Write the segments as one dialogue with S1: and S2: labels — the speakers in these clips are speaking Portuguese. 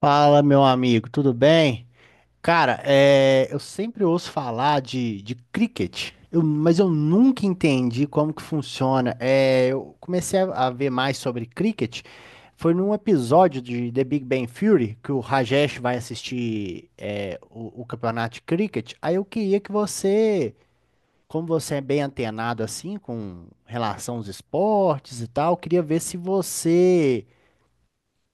S1: Fala, meu amigo, tudo bem? Cara, é, eu sempre ouço falar de cricket, mas eu nunca entendi como que funciona. Eu comecei a ver mais sobre cricket, foi num episódio de The Big Bang Theory que o Rajesh vai assistir o campeonato de cricket. Aí eu queria que você, como você é bem antenado assim com relação aos esportes e tal, eu queria ver se você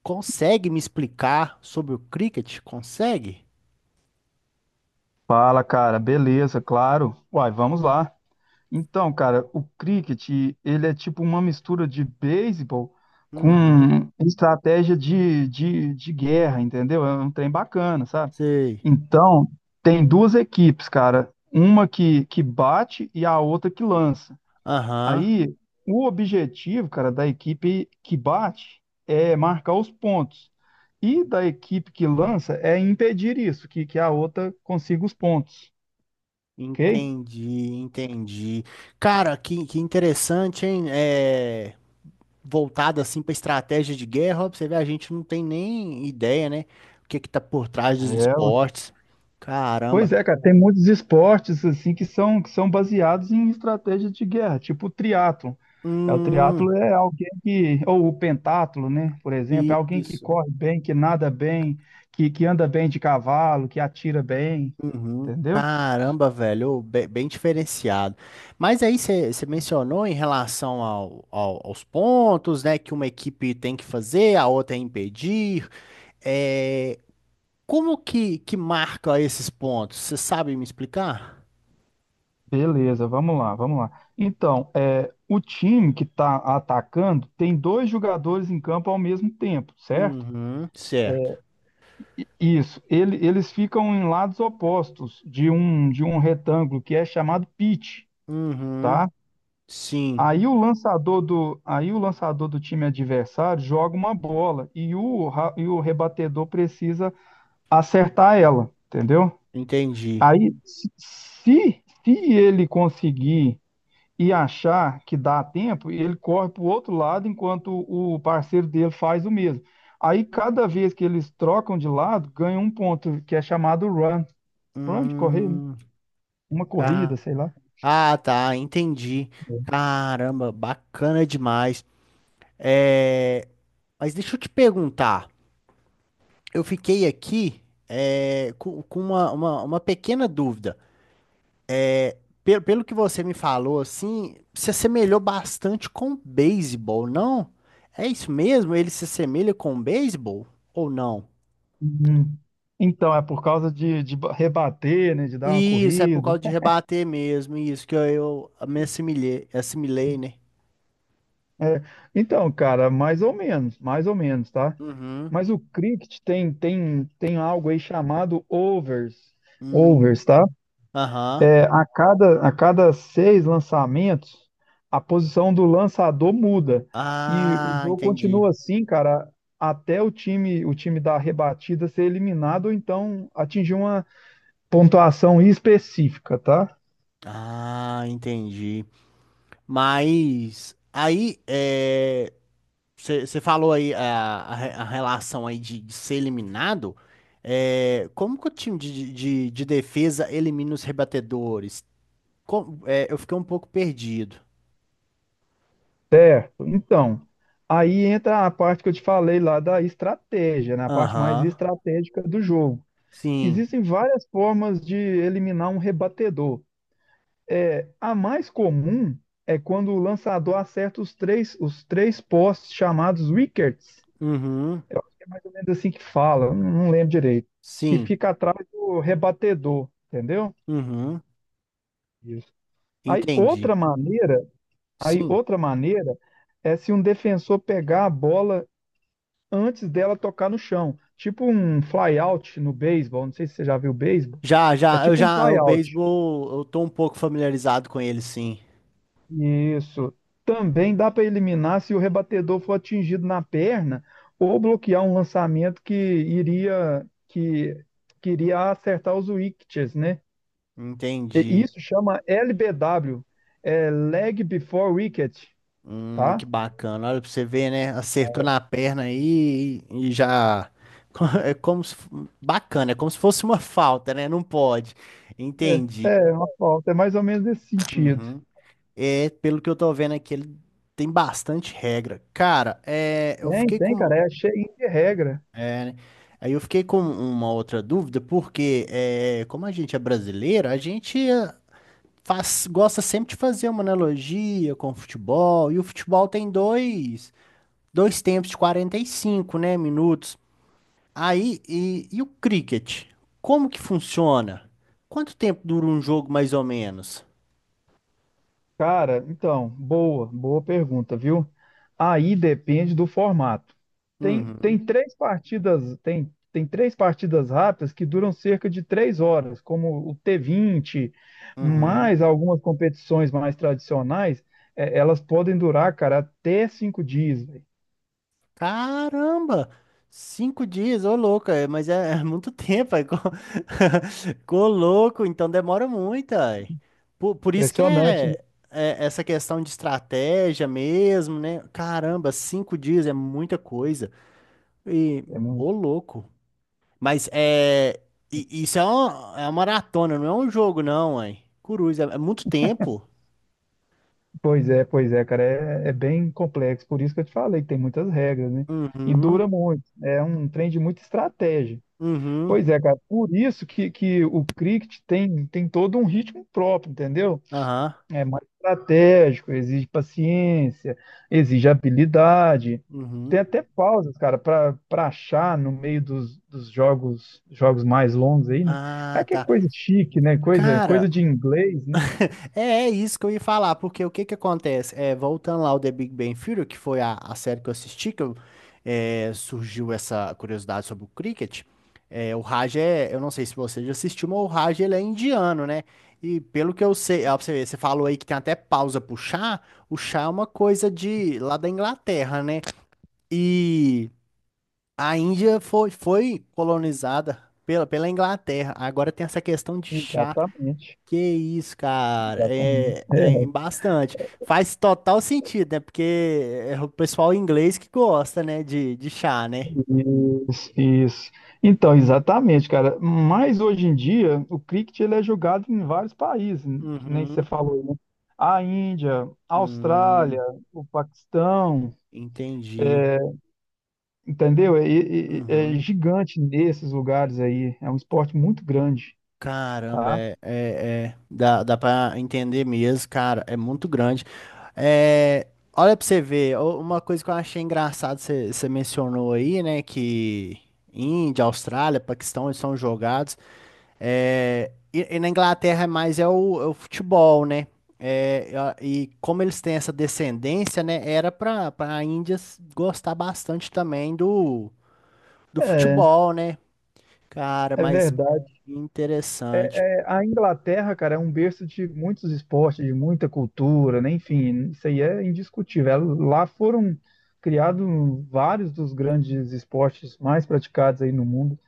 S1: consegue me explicar sobre o cricket? Consegue?
S2: Fala, cara. Beleza, claro. Uai, vamos lá. Então, cara, o cricket ele é tipo uma mistura de beisebol com
S1: Uhum.
S2: estratégia de guerra, entendeu? É um trem bacana, sabe?
S1: Sei.
S2: Então, tem duas equipes, cara. Uma que bate e a outra que lança.
S1: Aham.
S2: Aí, o objetivo, cara, da equipe que bate é marcar os pontos. E da equipe que lança é impedir isso, que a outra consiga os pontos. Ok?
S1: Entendi, entendi. Cara, que interessante, hein? É, voltado assim pra estratégia de guerra, ó, pra você ver, a gente não tem nem ideia, né? O que é que tá por trás dos
S2: É,
S1: esportes. Caramba.
S2: Pois é, cara, tem muitos esportes assim que são baseados em estratégias de guerra, tipo o triatlo. O
S1: Hum,
S2: triatlo é alguém que, ou o pentatlo, né? Por exemplo, é alguém que
S1: isso.
S2: corre bem, que nada bem, que anda bem de cavalo, que atira bem,
S1: Uhum.
S2: entendeu?
S1: Caramba, velho, ô, bem, diferenciado. Mas aí você mencionou em relação aos pontos, né, que uma equipe tem que fazer, a outra é impedir. É, como que marca esses pontos? Você sabe me explicar?
S2: Beleza, vamos lá, vamos lá. Então, é, o time que está atacando tem dois jogadores em campo ao mesmo tempo, certo?
S1: Uhum, certo.
S2: Isso, eles ficam em lados opostos de um retângulo que é chamado pitch,
S1: Uhum,
S2: tá?
S1: sim,
S2: Aí o lançador do time adversário joga uma bola e o rebatedor precisa acertar ela, entendeu?
S1: entendi.
S2: Aí se ele conseguir e achar que dá tempo, ele corre para o outro lado enquanto o parceiro dele faz o mesmo. Aí cada vez que eles trocam de lado, ganha um ponto, que é chamado run. Pronto, correr, né?
S1: Hum,
S2: Uma
S1: tá.
S2: corrida, sei lá.
S1: Ah, tá, entendi. Caramba, bacana demais. É, mas deixa eu te perguntar. Eu fiquei aqui é, com uma pequena dúvida. Pelo que você me falou, assim, se assemelhou bastante com o beisebol, não? É isso mesmo? Ele se assemelha com o beisebol ou não?
S2: Uhum. Então, é por causa de rebater, né? De dar uma
S1: Isso, é por
S2: corrida.
S1: causa de rebater mesmo, isso que eu me assimilei, né?
S2: É, então, cara, mais ou menos, tá?
S1: Uhum.
S2: Mas o cricket tem algo aí chamado overs.
S1: Hum.
S2: Overs, tá?
S1: Aham.
S2: É, a cada seis lançamentos, a posição do lançador muda. E o
S1: Ah,
S2: jogo
S1: entendi.
S2: continua assim, cara, até o time da rebatida ser eliminado ou então atingir uma pontuação específica, tá?
S1: Ah, entendi. Mas aí, é, você falou aí a relação aí de ser eliminado. É, como que o time de defesa elimina os rebatedores? Eu fiquei um pouco perdido.
S2: Certo. Então, aí entra a parte que eu te falei lá da estratégia, né? A parte mais
S1: Aham.
S2: estratégica do jogo.
S1: Sim.
S2: Existem várias formas de eliminar um rebatedor. É, a mais comum é quando o lançador acerta os três postes chamados wickets,
S1: Uhum.
S2: mais ou menos assim que fala, eu não lembro direito, que
S1: Sim.
S2: fica atrás do rebatedor, entendeu?
S1: Uhum.
S2: Isso. Aí
S1: Entendi.
S2: outra maneira Aí,
S1: Sim.
S2: outra maneira é se um defensor pegar a bola antes dela tocar no chão. Tipo um flyout no beisebol. Não sei se você já viu beisebol. É
S1: Eu
S2: tipo um
S1: já, o
S2: flyout.
S1: beisebol, eu tô um pouco familiarizado com ele, sim.
S2: Isso. Também dá para eliminar se o rebatedor for atingido na perna ou bloquear um lançamento que iria acertar os wickets, né? E
S1: Entendi.
S2: isso chama LBW, é leg before wicket, tá?
S1: Que bacana. Olha pra você ver, né? Acertou na perna aí e já. É como se. Bacana, é como se fosse uma falta, né? Não pode. Entendi.
S2: É, é uma falta, é mais ou menos nesse sentido.
S1: Uhum. É, pelo que eu tô vendo aqui, ele tem bastante regra. Cara, é, eu
S2: Tem,
S1: fiquei
S2: tem,
S1: com.
S2: cara, é cheio de regra.
S1: É, né? Aí eu fiquei com uma outra dúvida, porque é, como a gente é brasileiro, a gente é, faz, gosta sempre de fazer uma analogia com o futebol, e o futebol tem dois tempos de 45, né, minutos. E o cricket? Como que funciona? Quanto tempo dura um jogo, mais ou menos?
S2: Cara, então, boa, boa pergunta, viu? Aí depende do formato. Tem,
S1: Uhum,
S2: tem três partidas, tem, tem três partidas rápidas que duram cerca de 3 horas, como o T20,
S1: uhum.
S2: mais algumas competições mais tradicionais, é, elas podem durar, cara, até 5 dias, velho.
S1: Caramba! 5 dias, ô louco, é, mas é, é muito tempo, ô louco, então demora muito, aí. Por isso que
S2: Impressionante, né?
S1: é, é essa questão de estratégia mesmo, né? Caramba, cinco dias é muita coisa. E,
S2: É
S1: ô
S2: muito.
S1: louco. Mas é. Isso é uma maratona, não é um jogo, não, ué. Coruja, é é muito tempo.
S2: Pois é, cara, é, é bem complexo, por isso que eu te falei que tem muitas regras, né? E
S1: Uhum,
S2: dura muito, é um trem de muita estratégia.
S1: uhum,
S2: Pois é, cara, por isso que o cricket tem, tem todo um ritmo próprio, entendeu?
S1: aham,
S2: É mais estratégico, exige paciência, exige habilidade. Tem
S1: uhum.
S2: até pausas, cara, para achar no meio dos jogos, jogos mais longos aí, né? É
S1: Ah,
S2: que é
S1: tá.
S2: coisa chique, né? Coisa,
S1: Cara,
S2: coisa de inglês, né?
S1: é, é isso que eu ia falar, porque o que que acontece? É, voltando lá ao The Big Bang Theory, que foi a série que eu assisti, que eu, é, surgiu essa curiosidade sobre o cricket. É, o Raj é, eu não sei se você já assistiu, mas o Raj ele é indiano, né? E pelo que eu sei, ó, pra você ver, você falou aí que tem até pausa pro chá, o chá é uma coisa de lá da Inglaterra, né? E a Índia foi colonizada pela Inglaterra. Agora tem essa questão de chá.
S2: Exatamente,
S1: Que isso, cara,
S2: exatamente.
S1: é,
S2: É,
S1: é bastante. Faz total sentido, né? Porque é o pessoal inglês que gosta, né, de chá, né?
S2: isso, isso. Então, exatamente, cara. Mas hoje em dia, o cricket ele é jogado em vários países, né, que nem você
S1: Uhum.
S2: falou, né? A Índia, a Austrália,
S1: Hum,
S2: o Paquistão,
S1: entendi.
S2: entendeu? É
S1: Uhum.
S2: gigante nesses lugares aí. É um esporte muito grande,
S1: Caramba,
S2: tá?
S1: é, é, é. Dá pra entender mesmo, cara, é muito grande. É, olha pra você ver, o- uma coisa que eu achei engraçado, você mencionou aí, né, que Índia, Austrália, Paquistão, eles são jogados. É, e na Inglaterra é mais é o futebol, né? É, e como eles têm essa descendência, né? Era para a Índia gostar bastante também do, do
S2: É,
S1: futebol, né? Cara,
S2: é
S1: mas
S2: verdade.
S1: interessante.
S2: É, é, a Inglaterra, cara, é um berço de muitos esportes, de muita cultura, né? Enfim, isso aí é indiscutível. Lá foram criados vários dos grandes esportes mais praticados aí no mundo.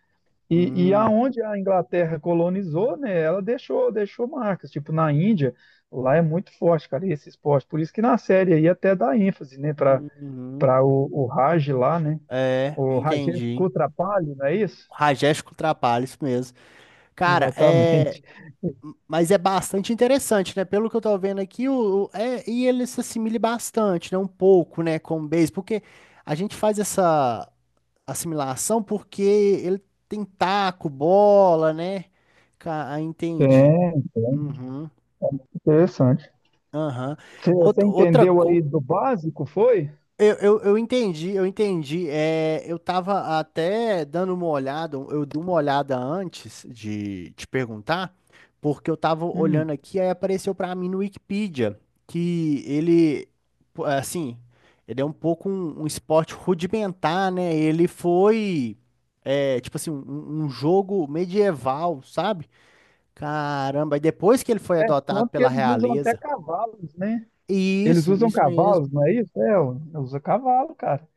S2: E
S1: Hum,
S2: aonde a Inglaterra colonizou, né? Ela deixou marcas. Tipo, na Índia, lá é muito forte, cara, esse esporte. Por isso que na série aí até dá ênfase, né, para
S1: uhum.
S2: para o Raj lá, né?
S1: É,
S2: O Rajesh
S1: entendi.
S2: Kutrapali, não é isso?
S1: Rajesh Kutrapali, isso mesmo. Cara, é.
S2: Exatamente.
S1: Mas é bastante interessante, né? Pelo que eu tô vendo aqui, é, e ele se assimile bastante, né? Um pouco, né? Com o base, porque a gente faz essa assimilação porque ele tem taco, bola, né? Ah,
S2: É,
S1: entendi.
S2: tem.
S1: Uhum,
S2: Interessante.
S1: aham.
S2: Você você
S1: Outra, outra
S2: entendeu aí
S1: coisa.
S2: do básico, foi?
S1: Eu entendi, eu entendi. É, eu tava até dando uma olhada, eu dei uma olhada antes de te perguntar, porque eu tava
S2: Hum,
S1: olhando aqui, aí apareceu pra mim no Wikipedia que ele, pô, assim, ele é um pouco um esporte rudimentar, né? Ele foi, é, tipo assim, um jogo medieval, sabe? Caramba, e depois que ele foi adotado
S2: Tanto que
S1: pela
S2: eles usam até
S1: realeza.
S2: cavalos, né? Eles
S1: Isso,
S2: usam
S1: isso mesmo.
S2: cavalos, não é isso? É, ué, usa cavalo, cara.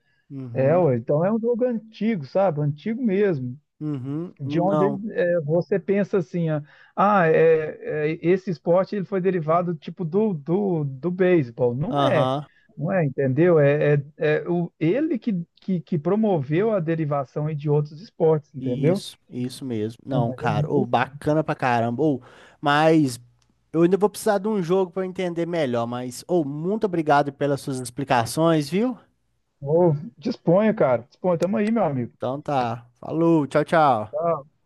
S2: É,
S1: Uhum.
S2: ué, então é um jogo antigo, sabe? Antigo mesmo.
S1: Uhum.
S2: De onde
S1: Não,
S2: é, você pensa assim, ó, ah, é, é, esse esporte ele foi derivado tipo do beisebol. Não é,
S1: aham,
S2: não é, entendeu? É, é, é o, ele que promoveu a derivação aí de outros esportes, entendeu?
S1: isso mesmo.
S2: É
S1: Não,
S2: mais ou
S1: cara,
S2: menos.
S1: ou bacana pra caramba. Ou, mas eu ainda vou precisar de um jogo pra eu entender melhor, mas ou muito obrigado pelas suas explicações, viu?
S2: Ô, disponha, cara. Disponha. Tamo aí, meu amigo.
S1: Então tá. Falou, tchau, tchau.
S2: Tá,